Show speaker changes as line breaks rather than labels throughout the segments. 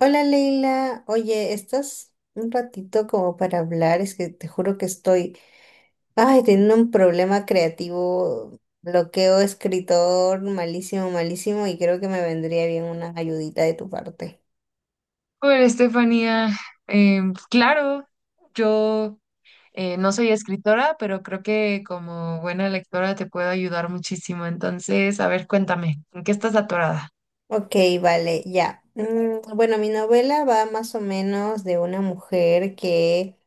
Hola Leila, oye, ¿estás un ratito como para hablar? Es que te juro que estoy, ay, teniendo un problema creativo, bloqueo escritor malísimo, malísimo y creo que me vendría bien una ayudita de tu parte.
Hola, Estefanía. Claro, yo no soy escritora, pero creo que como buena lectora te puedo ayudar muchísimo. Entonces, a ver, cuéntame, ¿en qué estás atorada?
Ok, vale, ya. Bueno, mi novela va más o menos de una mujer que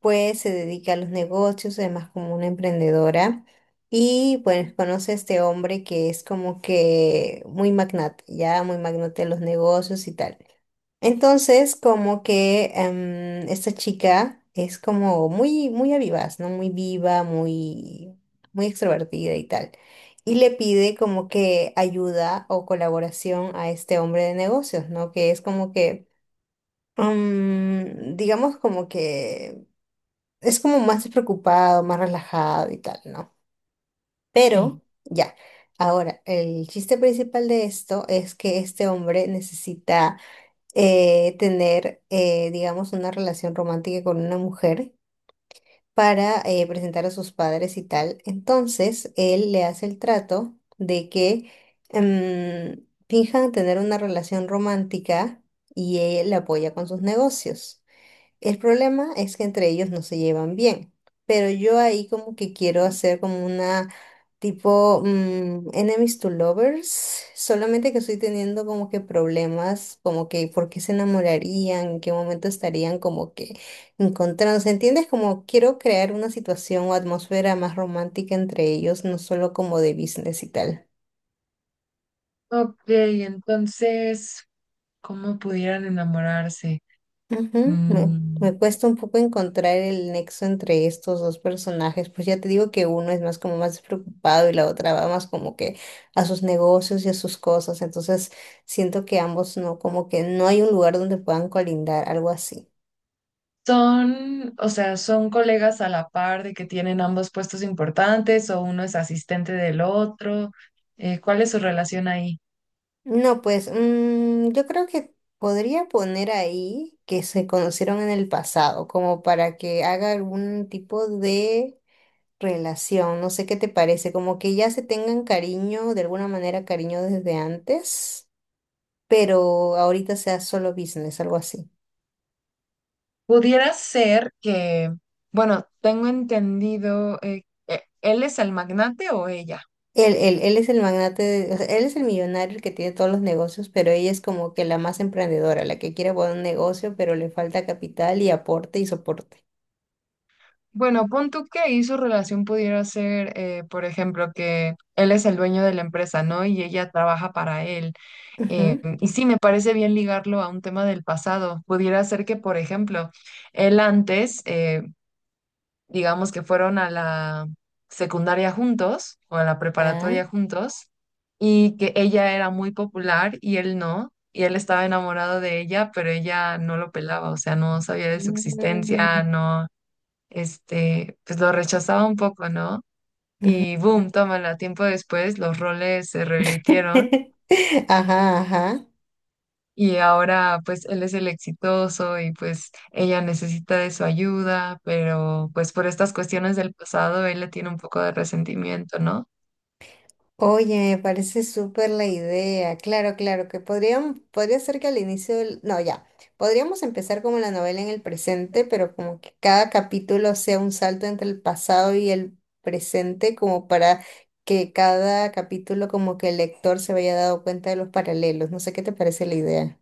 pues se dedica a los negocios, además como una emprendedora. Y pues conoce a este hombre que es como que muy magnate, ya muy magnate de los negocios y tal. Entonces, como que esta chica es como muy, muy avivaz, ¿no? Muy viva, muy, muy extrovertida y tal y le pide como que ayuda o colaboración a este hombre de negocios, ¿no? Que es como que, digamos como que es como más despreocupado, más relajado y tal, ¿no?
Sí.
Pero ya, ahora, el chiste principal de esto es que este hombre necesita tener, digamos, una relación romántica con una mujer para presentar a sus padres y tal. Entonces, él le hace el trato de que finjan tener una relación romántica y él la apoya con sus negocios. El problema es que entre ellos no se llevan bien, pero yo ahí como que quiero hacer como una tipo enemies to lovers, solamente que estoy teniendo como que problemas, como que por qué se enamorarían, en qué momento estarían como que encontrándose, ¿entiendes? Como quiero crear una situación o atmósfera más romántica entre ellos, no solo como de business y tal.
Ok, entonces, ¿cómo pudieran enamorarse?
Ujú.
Mm,
Me cuesta un poco encontrar el nexo entre estos dos personajes, pues ya te digo que uno es más como más despreocupado y la otra va más como que a sus negocios y a sus cosas, entonces siento que ambos no, como que no hay un lugar donde puedan colindar, algo así.
son, o sea, son colegas a la par de que tienen ambos puestos importantes o uno es asistente del otro. ¿Cuál es su relación ahí?
No, pues yo creo que podría poner ahí que se conocieron en el pasado, como para que haga algún tipo de relación. No sé qué te parece, como que ya se tengan cariño, de alguna manera cariño desde antes, pero ahorita sea solo business, algo así.
Pudiera ser que, bueno, tengo entendido, ¿él es el magnate o ella?
Él es el magnate, de- o sea, él es el millonario el que tiene todos los negocios, pero ella es como que la más emprendedora, la que quiere poner un negocio, pero le falta capital y aporte y soporte.
Bueno, pon tú que ahí su relación pudiera ser, por ejemplo, que él es el dueño de la empresa, ¿no? Y ella trabaja para él.
Ujú.
Y sí, me parece bien ligarlo a un tema del pasado. Pudiera ser que, por ejemplo, él antes, digamos que fueron a la secundaria juntos o a la
Ya.
preparatoria juntos y que ella era muy popular y él no, y él estaba enamorado de ella, pero ella no lo pelaba, o sea, no sabía de su existencia,
Mm.
no, este, pues lo rechazaba un poco, ¿no?
Ujú.
Y boom, tómala, tiempo después los roles se revirtieron.
Ajá, ajá.
Y ahora pues él es el exitoso y pues ella necesita de su ayuda, pero pues por estas cuestiones del pasado él le tiene un poco de resentimiento, ¿no?
Oye, me parece súper la idea. Claro, claro, que podríamos, podría ser que al inicio del... No, ya. Podríamos empezar como la novela en el presente, pero como que cada capítulo sea un salto entre el pasado y el presente, como para que cada capítulo como que el lector se vaya dando cuenta de los paralelos. No sé qué te parece la idea.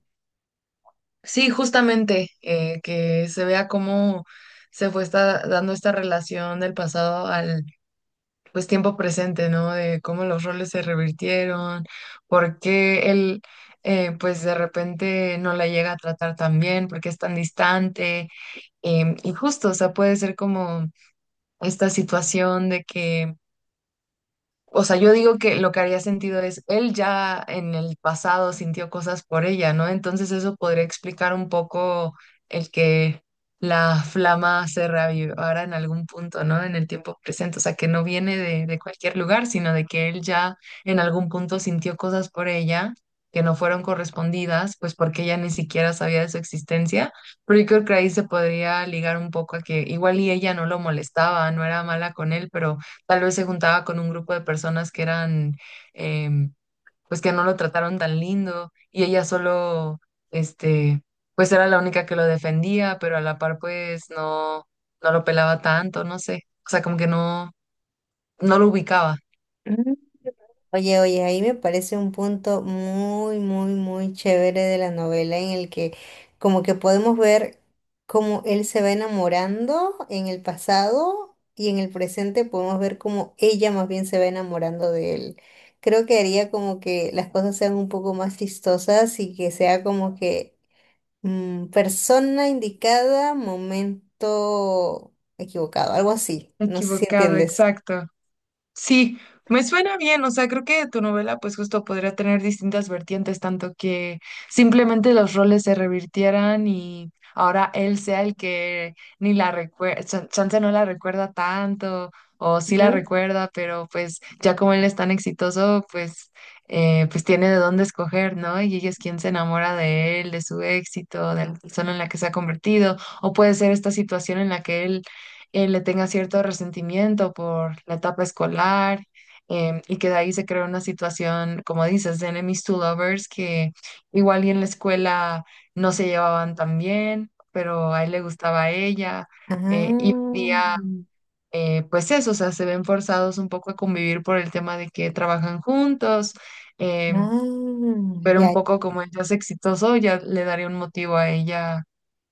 Sí, justamente, que se vea cómo dando esta relación del pasado al pues tiempo presente, ¿no? De cómo los roles se revirtieron, por qué él pues de repente no la llega a tratar tan bien, por qué es tan distante, y justo, o sea, puede ser como esta situación de que o sea, yo digo que lo que haría sentido es, él ya en el pasado sintió cosas por ella, ¿no? Entonces eso podría explicar un poco el que la flama se reavivara en algún punto, ¿no? En el tiempo presente. O sea, que no viene de cualquier lugar, sino de que él ya en algún punto sintió cosas por ella que no fueron correspondidas, pues porque ella ni siquiera sabía de su existencia. Pero yo creo que ahí se podría ligar un poco a que igual y ella no lo molestaba, no era mala con él, pero tal vez se juntaba con un grupo de personas que eran, em, pues que no lo trataron tan lindo y ella solo, este, pues era la única que lo defendía, pero a la par pues no, no lo pelaba tanto, no sé. O sea, como que no, no lo ubicaba.
Oye, oye, ahí me parece un punto muy, muy, muy chévere de la novela en el que como que podemos ver cómo él se va enamorando en el pasado y en el presente podemos ver cómo ella más bien se va enamorando de él. Creo que haría como que las cosas sean un poco más chistosas y que sea como que persona indicada, momento equivocado, algo así. No sé si
Equivocado,
entiendes.
exacto. Sí, me suena bien, o sea, creo que tu novela pues justo podría tener distintas vertientes, tanto que simplemente los roles se revirtieran y ahora él sea el que ni la recuerda, chance no la recuerda tanto o sí la
Ujú.
recuerda, pero pues ya como él es tan exitoso, pues pues tiene de dónde escoger, ¿no? Y ella es quien se enamora de él, de su éxito, de la persona en la que se ha convertido, o puede ser esta situación en la que él le tenga cierto resentimiento por la etapa escolar, y que de ahí se crea una situación, como dices, de enemies to lovers, que igual y en la escuela no se llevaban tan bien, pero a él le gustaba a ella y hoy
Ah.
día, pues eso, o sea, se ven forzados un poco a convivir por el tema de que trabajan juntos, em,
Ah,
pero un
ya.
poco como él ya es exitoso, ya le daría un motivo a ella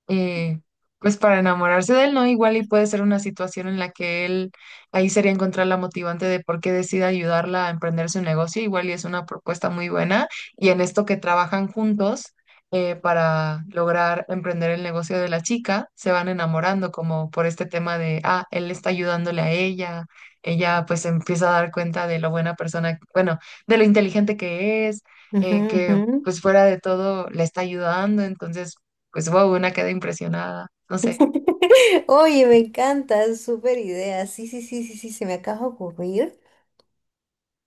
eh, pues para enamorarse de él, ¿no? Igual y puede ser una situación en la que él, ahí sería encontrar la motivante de por qué decide ayudarla a emprender su negocio, igual y es una propuesta muy buena, y en esto que trabajan juntos para lograr emprender el negocio de la chica, se van enamorando como por este tema de, ah, él está ayudándole a ella, ella pues empieza a dar cuenta de lo buena persona, bueno, de lo inteligente que es,
Ujú,
que
ujú.
pues fuera de todo le está ayudando, entonces pues wow, una queda impresionada, no sé.
Oye, me encanta, es súper idea. Sí, sí, sí, sí, sí, se me acaba de ocurrir.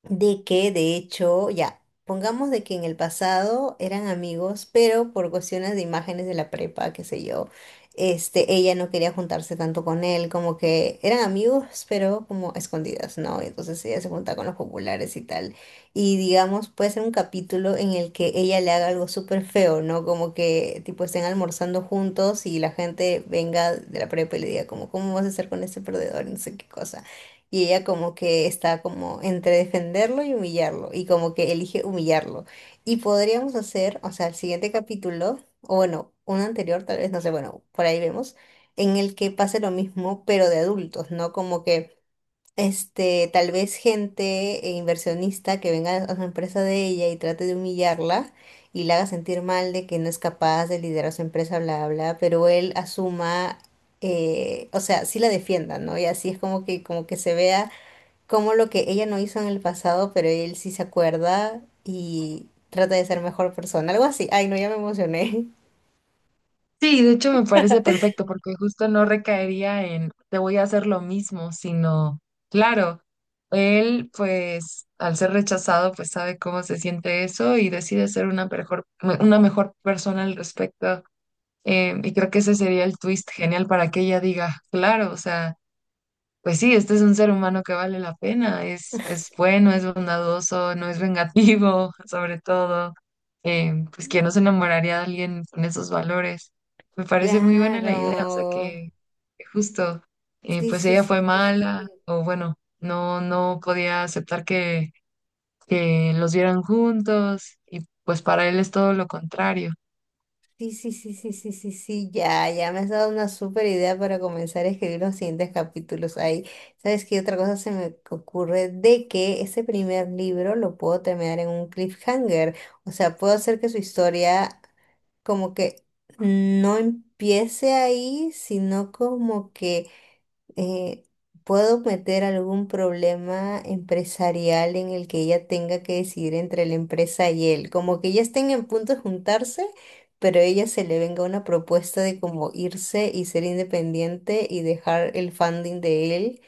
De que de hecho, ya, pongamos de que en el pasado eran amigos, pero por cuestiones de imágenes de la prepa, qué sé yo, este, ella no quería juntarse tanto con él, como que eran amigos, pero como a escondidas, ¿no? Entonces ella se junta con los populares y tal. Y digamos, puede ser un capítulo en el que ella le haga algo súper feo, ¿no? Como que tipo estén almorzando juntos y la gente venga de la prepa y le diga como, ¿cómo vas a estar con ese perdedor? Y no sé qué cosa. Y ella como que está como entre defenderlo y humillarlo, y como que elige humillarlo. Y podríamos hacer, o sea, el siguiente capítulo, o bueno, un anterior tal vez, no sé, bueno, por ahí vemos, en el que pase lo mismo, pero de adultos, ¿no? Como que, este, tal vez gente inversionista que venga a la empresa de ella y trate de humillarla y la haga sentir mal de que no es capaz de liderar su empresa, bla, bla, pero él asuma... o sea, sí la defienda, ¿no? Y así es como que se vea como lo que ella no hizo en el pasado, pero él sí se acuerda y trata de ser mejor persona, algo así. Ay, no, ya me emocioné.
Sí, de hecho me parece perfecto porque justo no recaería en te voy a hacer lo mismo, sino, claro, él pues al ser rechazado pues sabe cómo se siente eso y decide ser una mejor persona al respecto. Y creo que ese sería el twist genial para que ella diga, claro, o sea... pues sí, este es un ser humano que vale la pena, es bueno, es bondadoso, no es vengativo, sobre todo. Pues ¿quién
Mm.
no se enamoraría de alguien con esos valores? Me parece muy buena la idea, o sea
Claro.
que justo,
Sí,
pues
sí,
ella
sí,
fue
sí, sí,
mala,
sí.
o bueno, no, no podía aceptar que los vieran juntos, y pues para él es todo lo contrario.
Sí, sí, sí, sí, sí, sí, sí, ya, ya me has dado una súper idea para comenzar a escribir los siguientes capítulos ahí. ¿Sabes qué otra cosa se me ocurre? De que ese primer libro lo puedo terminar en un cliffhanger. O sea, puedo hacer que su historia como que no empiece ahí, sino como que eh, puedo meter algún problema empresarial en el que ella tenga que decidir entre la empresa y él. Como que ya estén en punto de juntarse, pero a ella se le venga una propuesta de como irse y ser independiente y dejar el funding de él.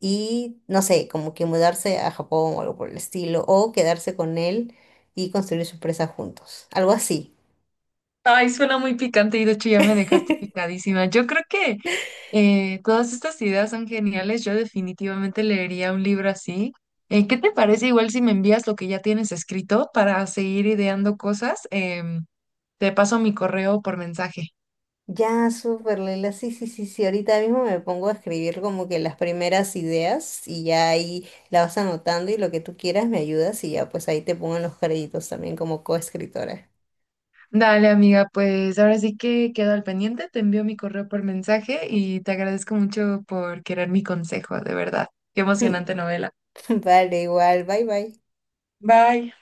Y no sé, como que mudarse a Japón o algo por el estilo, o quedarse con él y construir su empresa juntos, algo así.
Ay, suena muy picante y de hecho ya me dejaste picadísima. Yo creo que todas estas ideas son geniales. Yo definitivamente leería un libro así. ¿Qué te parece igual si me envías lo que ya tienes escrito para seguir ideando cosas? Te paso mi correo por mensaje.
Ya, súper, Leila. Sí, sí, sí, sí. Ahorita mismo me pongo a escribir como que las primeras ideas y ya ahí la vas anotando y lo que tú quieras me ayudas y ya pues ahí te pongo en los créditos también como coescritora.
Dale, amiga, pues ahora sí que quedo al pendiente. Te envío mi correo por mensaje y te agradezco mucho por querer mi consejo, de verdad. Qué emocionante novela.
Vale, igual. Bye, bye.
Bye.